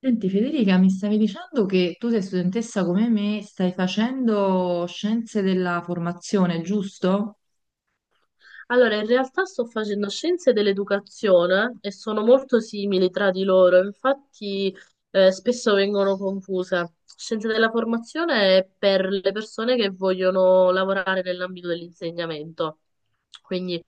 Senti Federica, mi stavi dicendo che tu sei studentessa come me, stai facendo scienze della formazione, giusto? Allora, in realtà sto facendo scienze dell'educazione e sono molto simili tra di loro, infatti spesso vengono confuse. Scienze della formazione è per le persone che vogliono lavorare nell'ambito dell'insegnamento. Quindi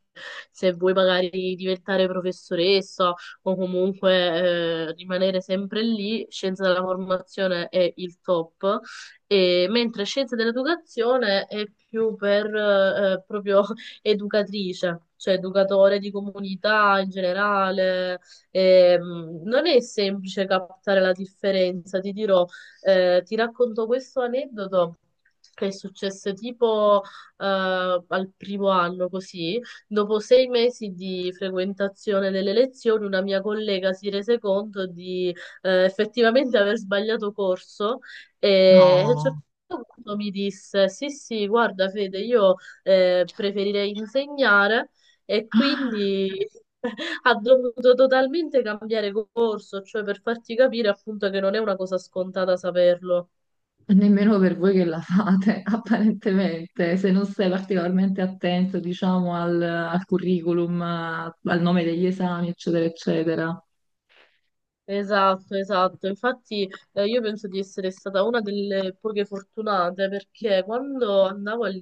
se vuoi magari diventare professoressa o comunque rimanere sempre lì, scienze della formazione è il top. E mentre scienze dell'educazione è più per proprio educatrice, cioè educatore di comunità in generale. Non è semplice captare la differenza, ti dirò, ti racconto questo aneddoto. Che è successo tipo al primo anno così, dopo 6 mesi di frequentazione delle lezioni, una mia collega si rese conto di effettivamente aver sbagliato corso e a un No. certo punto mi disse: sì, sì, guarda, Fede, io preferire insegnare e Ah, quindi ha dovuto totalmente cambiare corso, cioè per farti capire appunto che non è una cosa scontata saperlo. nemmeno per voi che la fate, apparentemente, se non sei particolarmente attento, diciamo, al curriculum, al nome degli esami, eccetera, eccetera. Esatto, esatto. Infatti, io penso di essere stata una delle poche fortunate perché quando andavo al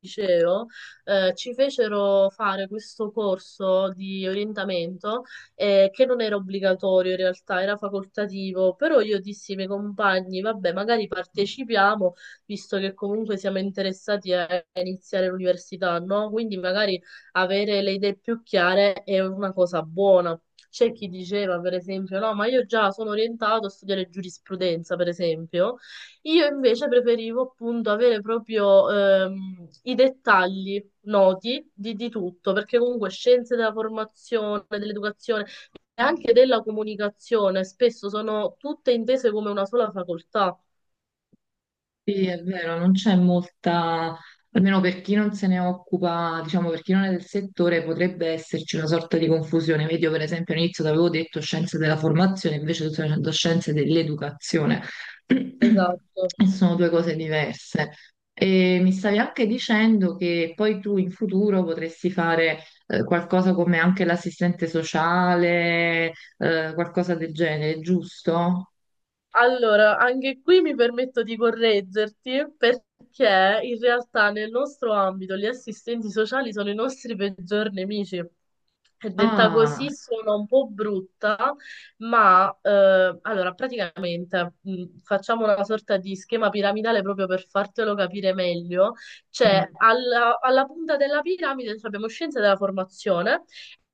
liceo, ci fecero fare questo corso di orientamento, che non era obbligatorio in realtà, era facoltativo, però io dissi ai miei compagni, vabbè, magari partecipiamo, visto che comunque siamo interessati a iniziare l'università, no? Quindi magari avere le idee più chiare è una cosa buona. C'è chi diceva, per esempio, no, ma io già sono orientato a studiare giurisprudenza, per esempio. Io invece preferivo appunto avere proprio i dettagli noti di tutto, perché comunque scienze della formazione, dell'educazione e anche della comunicazione spesso sono tutte intese come una sola facoltà. Sì, è vero, non c'è molta, almeno per chi non se ne occupa, diciamo per chi non è del settore, potrebbe esserci una sorta di confusione. Vedi, io per esempio all'inizio ti avevo detto scienze della formazione, invece tu stai facendo scienze dell'educazione. Esatto. E sono due cose diverse. E mi stavi anche dicendo che poi tu in futuro potresti fare qualcosa come anche l'assistente sociale, qualcosa del genere, giusto? Allora, anche qui mi permetto di correggerti perché in realtà nel nostro ambito gli assistenti sociali sono i nostri peggior nemici. E detta Ah. così sono un po' brutta, ma allora praticamente facciamo una sorta di schema piramidale proprio per fartelo capire meglio. Mm. Cioè, alla punta della piramide cioè, abbiamo scienze della formazione,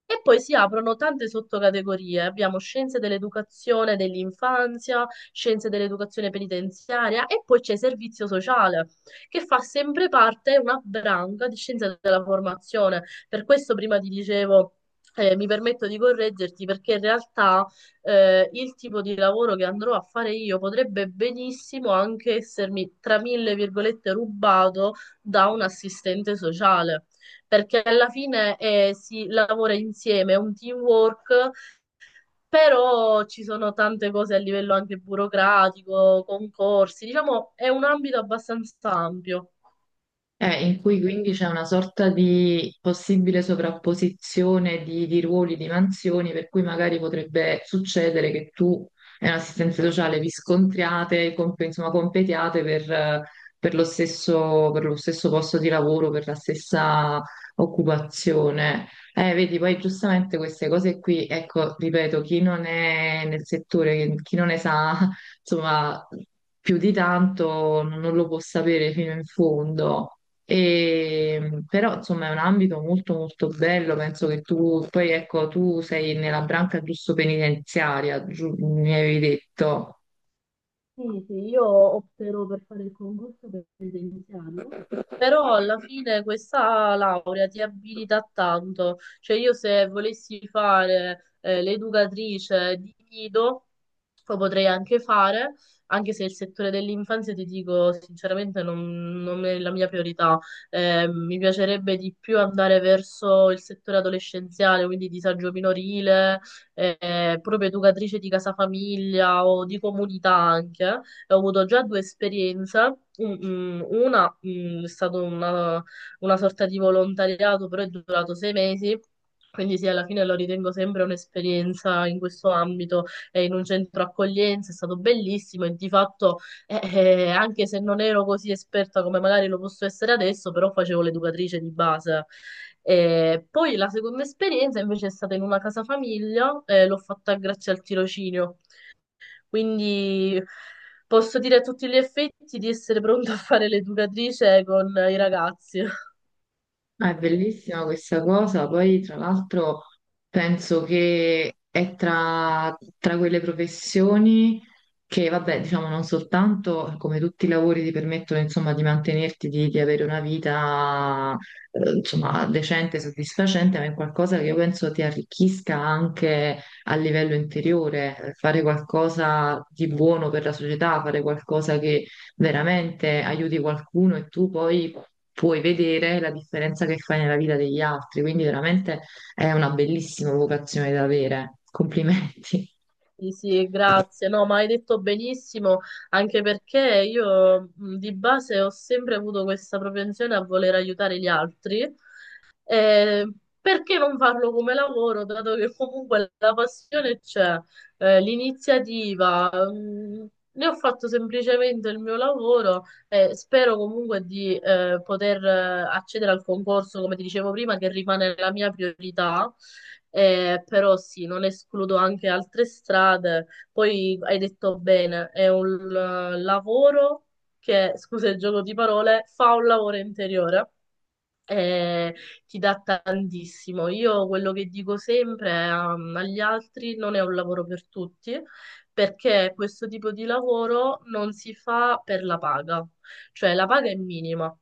e poi si aprono tante sottocategorie. Abbiamo scienze dell'educazione, dell'infanzia, scienze dell'educazione penitenziaria e poi c'è servizio sociale, che fa sempre parte una branca di scienze della formazione. Per questo prima ti dicevo. Mi permetto di correggerti perché in realtà il tipo di lavoro che andrò a fare io potrebbe benissimo anche essermi, tra mille virgolette, rubato da un assistente sociale, perché alla fine si lavora insieme, è un teamwork, però ci sono tante cose a livello anche burocratico, concorsi, diciamo è un ambito abbastanza ampio. In cui quindi c'è una sorta di possibile sovrapposizione di ruoli, di mansioni, per cui magari potrebbe succedere che tu e un'assistenza sociale vi scontriate, insomma, competiate per lo stesso posto di lavoro, per la stessa occupazione. Vedi, poi giustamente queste cose qui, ecco, ripeto, chi non è nel settore, chi non ne sa, insomma, più di tanto non lo può sapere fino in fondo. E però insomma è un ambito molto molto bello, penso che tu poi ecco tu sei nella branca giusto penitenziaria, mi avevi detto. Sì, sì, io opterò per fare il concorso per presenziario, però alla fine questa laurea ti abilita a tanto. Cioè io se volessi fare l'educatrice di nido, lo potrei anche fare, anche se il settore dell'infanzia ti dico sinceramente non è la mia priorità. Mi piacerebbe di più andare verso il settore adolescenziale, quindi disagio minorile proprio educatrice di casa famiglia o di comunità anche, e ho avuto già 2 esperienze. Una, è stata una sorta di volontariato, però è durato 6 mesi. Quindi sì, alla fine lo ritengo sempre un'esperienza in questo ambito e in un centro accoglienza, è stato bellissimo e di fatto anche se non ero così esperta come magari lo posso essere adesso, però facevo l'educatrice di base. Poi la seconda esperienza invece è stata in una casa famiglia, l'ho fatta grazie al tirocinio, quindi posso dire a tutti gli effetti di essere pronta a fare l'educatrice con i ragazzi. Ah, è bellissima questa cosa, poi tra l'altro penso che è tra quelle professioni che, vabbè, diciamo non soltanto come tutti i lavori ti permettono insomma di mantenerti, di avere una vita insomma decente, soddisfacente, ma è qualcosa che io penso ti arricchisca anche a livello interiore. Fare qualcosa di buono per la società, fare qualcosa che veramente aiuti qualcuno e tu poi puoi vedere la differenza che fai nella vita degli altri, quindi veramente è una bellissima vocazione da avere. Complimenti. Sì, sì, grazie. No, ma hai detto benissimo, anche perché io di base ho sempre avuto questa propensione a voler aiutare gli altri. Eh, perché non farlo come lavoro, dato che comunque la passione c'è, l'iniziativa, ne ho fatto semplicemente il mio lavoro e spero comunque di poter accedere al concorso, come ti dicevo prima, che rimane la mia priorità. Però sì, non escludo anche altre strade. Poi hai detto bene, è un lavoro che, scusa il gioco di parole, fa un lavoro interiore e ti dà tantissimo. Io quello che dico sempre agli altri non è un lavoro per tutti, perché questo tipo di lavoro non si fa per la paga, cioè la paga è minima,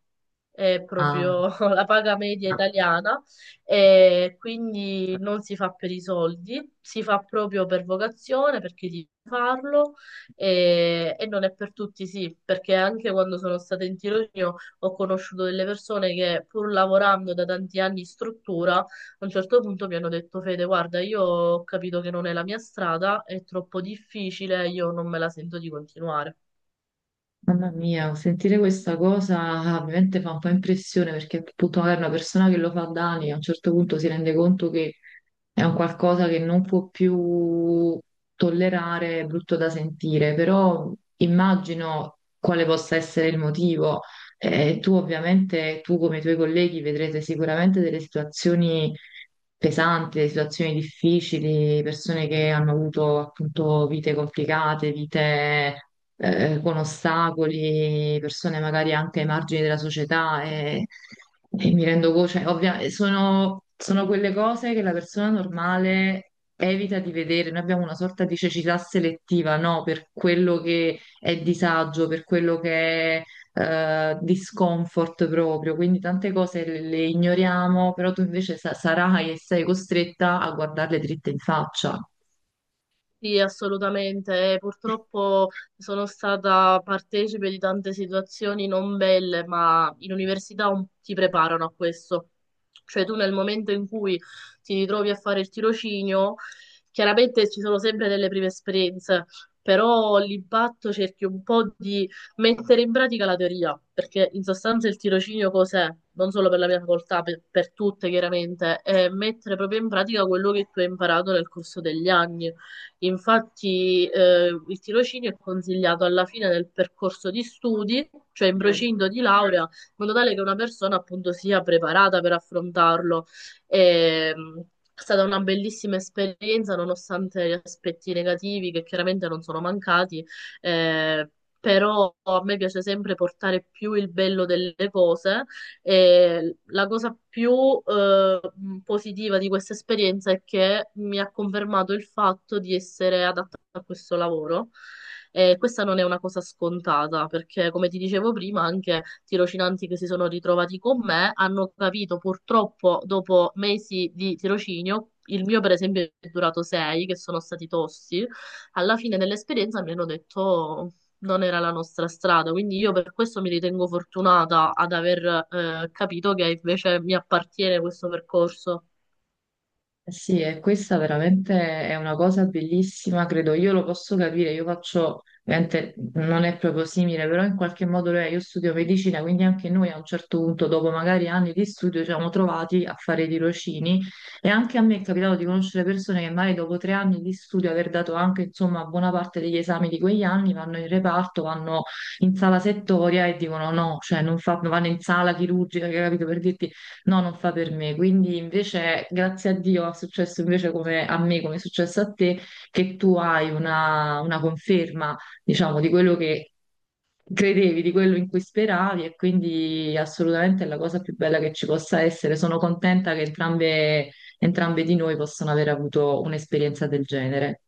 è Ah. proprio la paga media italiana, e quindi non si fa per i soldi, si fa proprio per vocazione, perché devi farlo e, non è per tutti, sì, perché anche quando sono stata in tirocinio ho conosciuto delle persone che pur lavorando da tanti anni in struttura, a un certo punto mi hanno detto: Fede, guarda, io ho capito che non è la mia strada, è troppo difficile, io non me la sento di continuare. Mamma mia, sentire questa cosa ovviamente fa un po' impressione perché appunto magari una persona che lo fa da anni a un certo punto si rende conto che è un qualcosa che non può più tollerare, è brutto da sentire, però immagino quale possa essere il motivo. Tu come i tuoi colleghi vedrete sicuramente delle situazioni pesanti, delle situazioni difficili, persone che hanno avuto appunto vite complicate, vite con ostacoli, persone magari anche ai margini della società e mi rendo conto, cioè, sono quelle cose che la persona normale evita di vedere. Noi abbiamo una sorta di cecità selettiva, no? Per quello che è disagio, per quello che è di scomfort proprio, quindi tante cose le ignoriamo, però tu invece sarai e sei costretta a guardarle dritte in faccia. Sì, assolutamente. Purtroppo sono stata partecipe di tante situazioni non belle, ma in università ti preparano a questo. Cioè tu nel momento in cui ti ritrovi a fare il tirocinio, chiaramente ci sono sempre delle prime esperienze, però l'impatto cerchi un po' di mettere in pratica la teoria, perché in sostanza il tirocinio cos'è? Non solo per la mia facoltà, per tutte chiaramente, è mettere proprio in pratica quello che tu hai imparato nel corso degli anni. Infatti, il tirocinio è consigliato alla fine del percorso di studi, cioè in Mm. procinto di laurea, in modo tale che una persona appunto sia preparata per affrontarlo. E, è stata una bellissima esperienza, nonostante gli aspetti negativi che chiaramente non sono mancati, eh, però a me piace sempre portare più il bello delle cose e la cosa più eh, positiva di questa esperienza è che mi ha confermato il fatto di essere adatta a questo lavoro. E questa non è una cosa scontata, perché come ti dicevo prima, anche tirocinanti che si sono ritrovati con me hanno capito purtroppo dopo mesi di tirocinio. Il mio, per esempio, è durato sei, che sono stati tosti. Alla fine dell'esperienza mi hanno detto: non era la nostra strada, quindi io per questo mi ritengo fortunata ad aver capito che invece mi appartiene questo percorso. Eh sì, e questa veramente è una cosa bellissima, credo. Io lo posso capire, io faccio, ovviamente non è proprio simile, però in qualche modo lo è. Io studio medicina, quindi anche noi a un certo punto, dopo magari anni di studio, ci siamo trovati a fare i tirocini e anche a me è capitato di conoscere persone che magari dopo 3 anni di studio, aver dato anche insomma buona parte degli esami di quegli anni, vanno in reparto, vanno in sala settoria e dicono no, cioè non fa- vanno in sala chirurgica, capito, per dirti no, non fa per me, quindi invece grazie a Dio è successo invece come a me, come è successo a te, che tu hai una conferma, diciamo, di quello che credevi, di quello in cui speravi e quindi assolutamente è la cosa più bella che ci possa essere. Sono contenta che entrambe, entrambe di noi possano aver avuto un'esperienza del genere.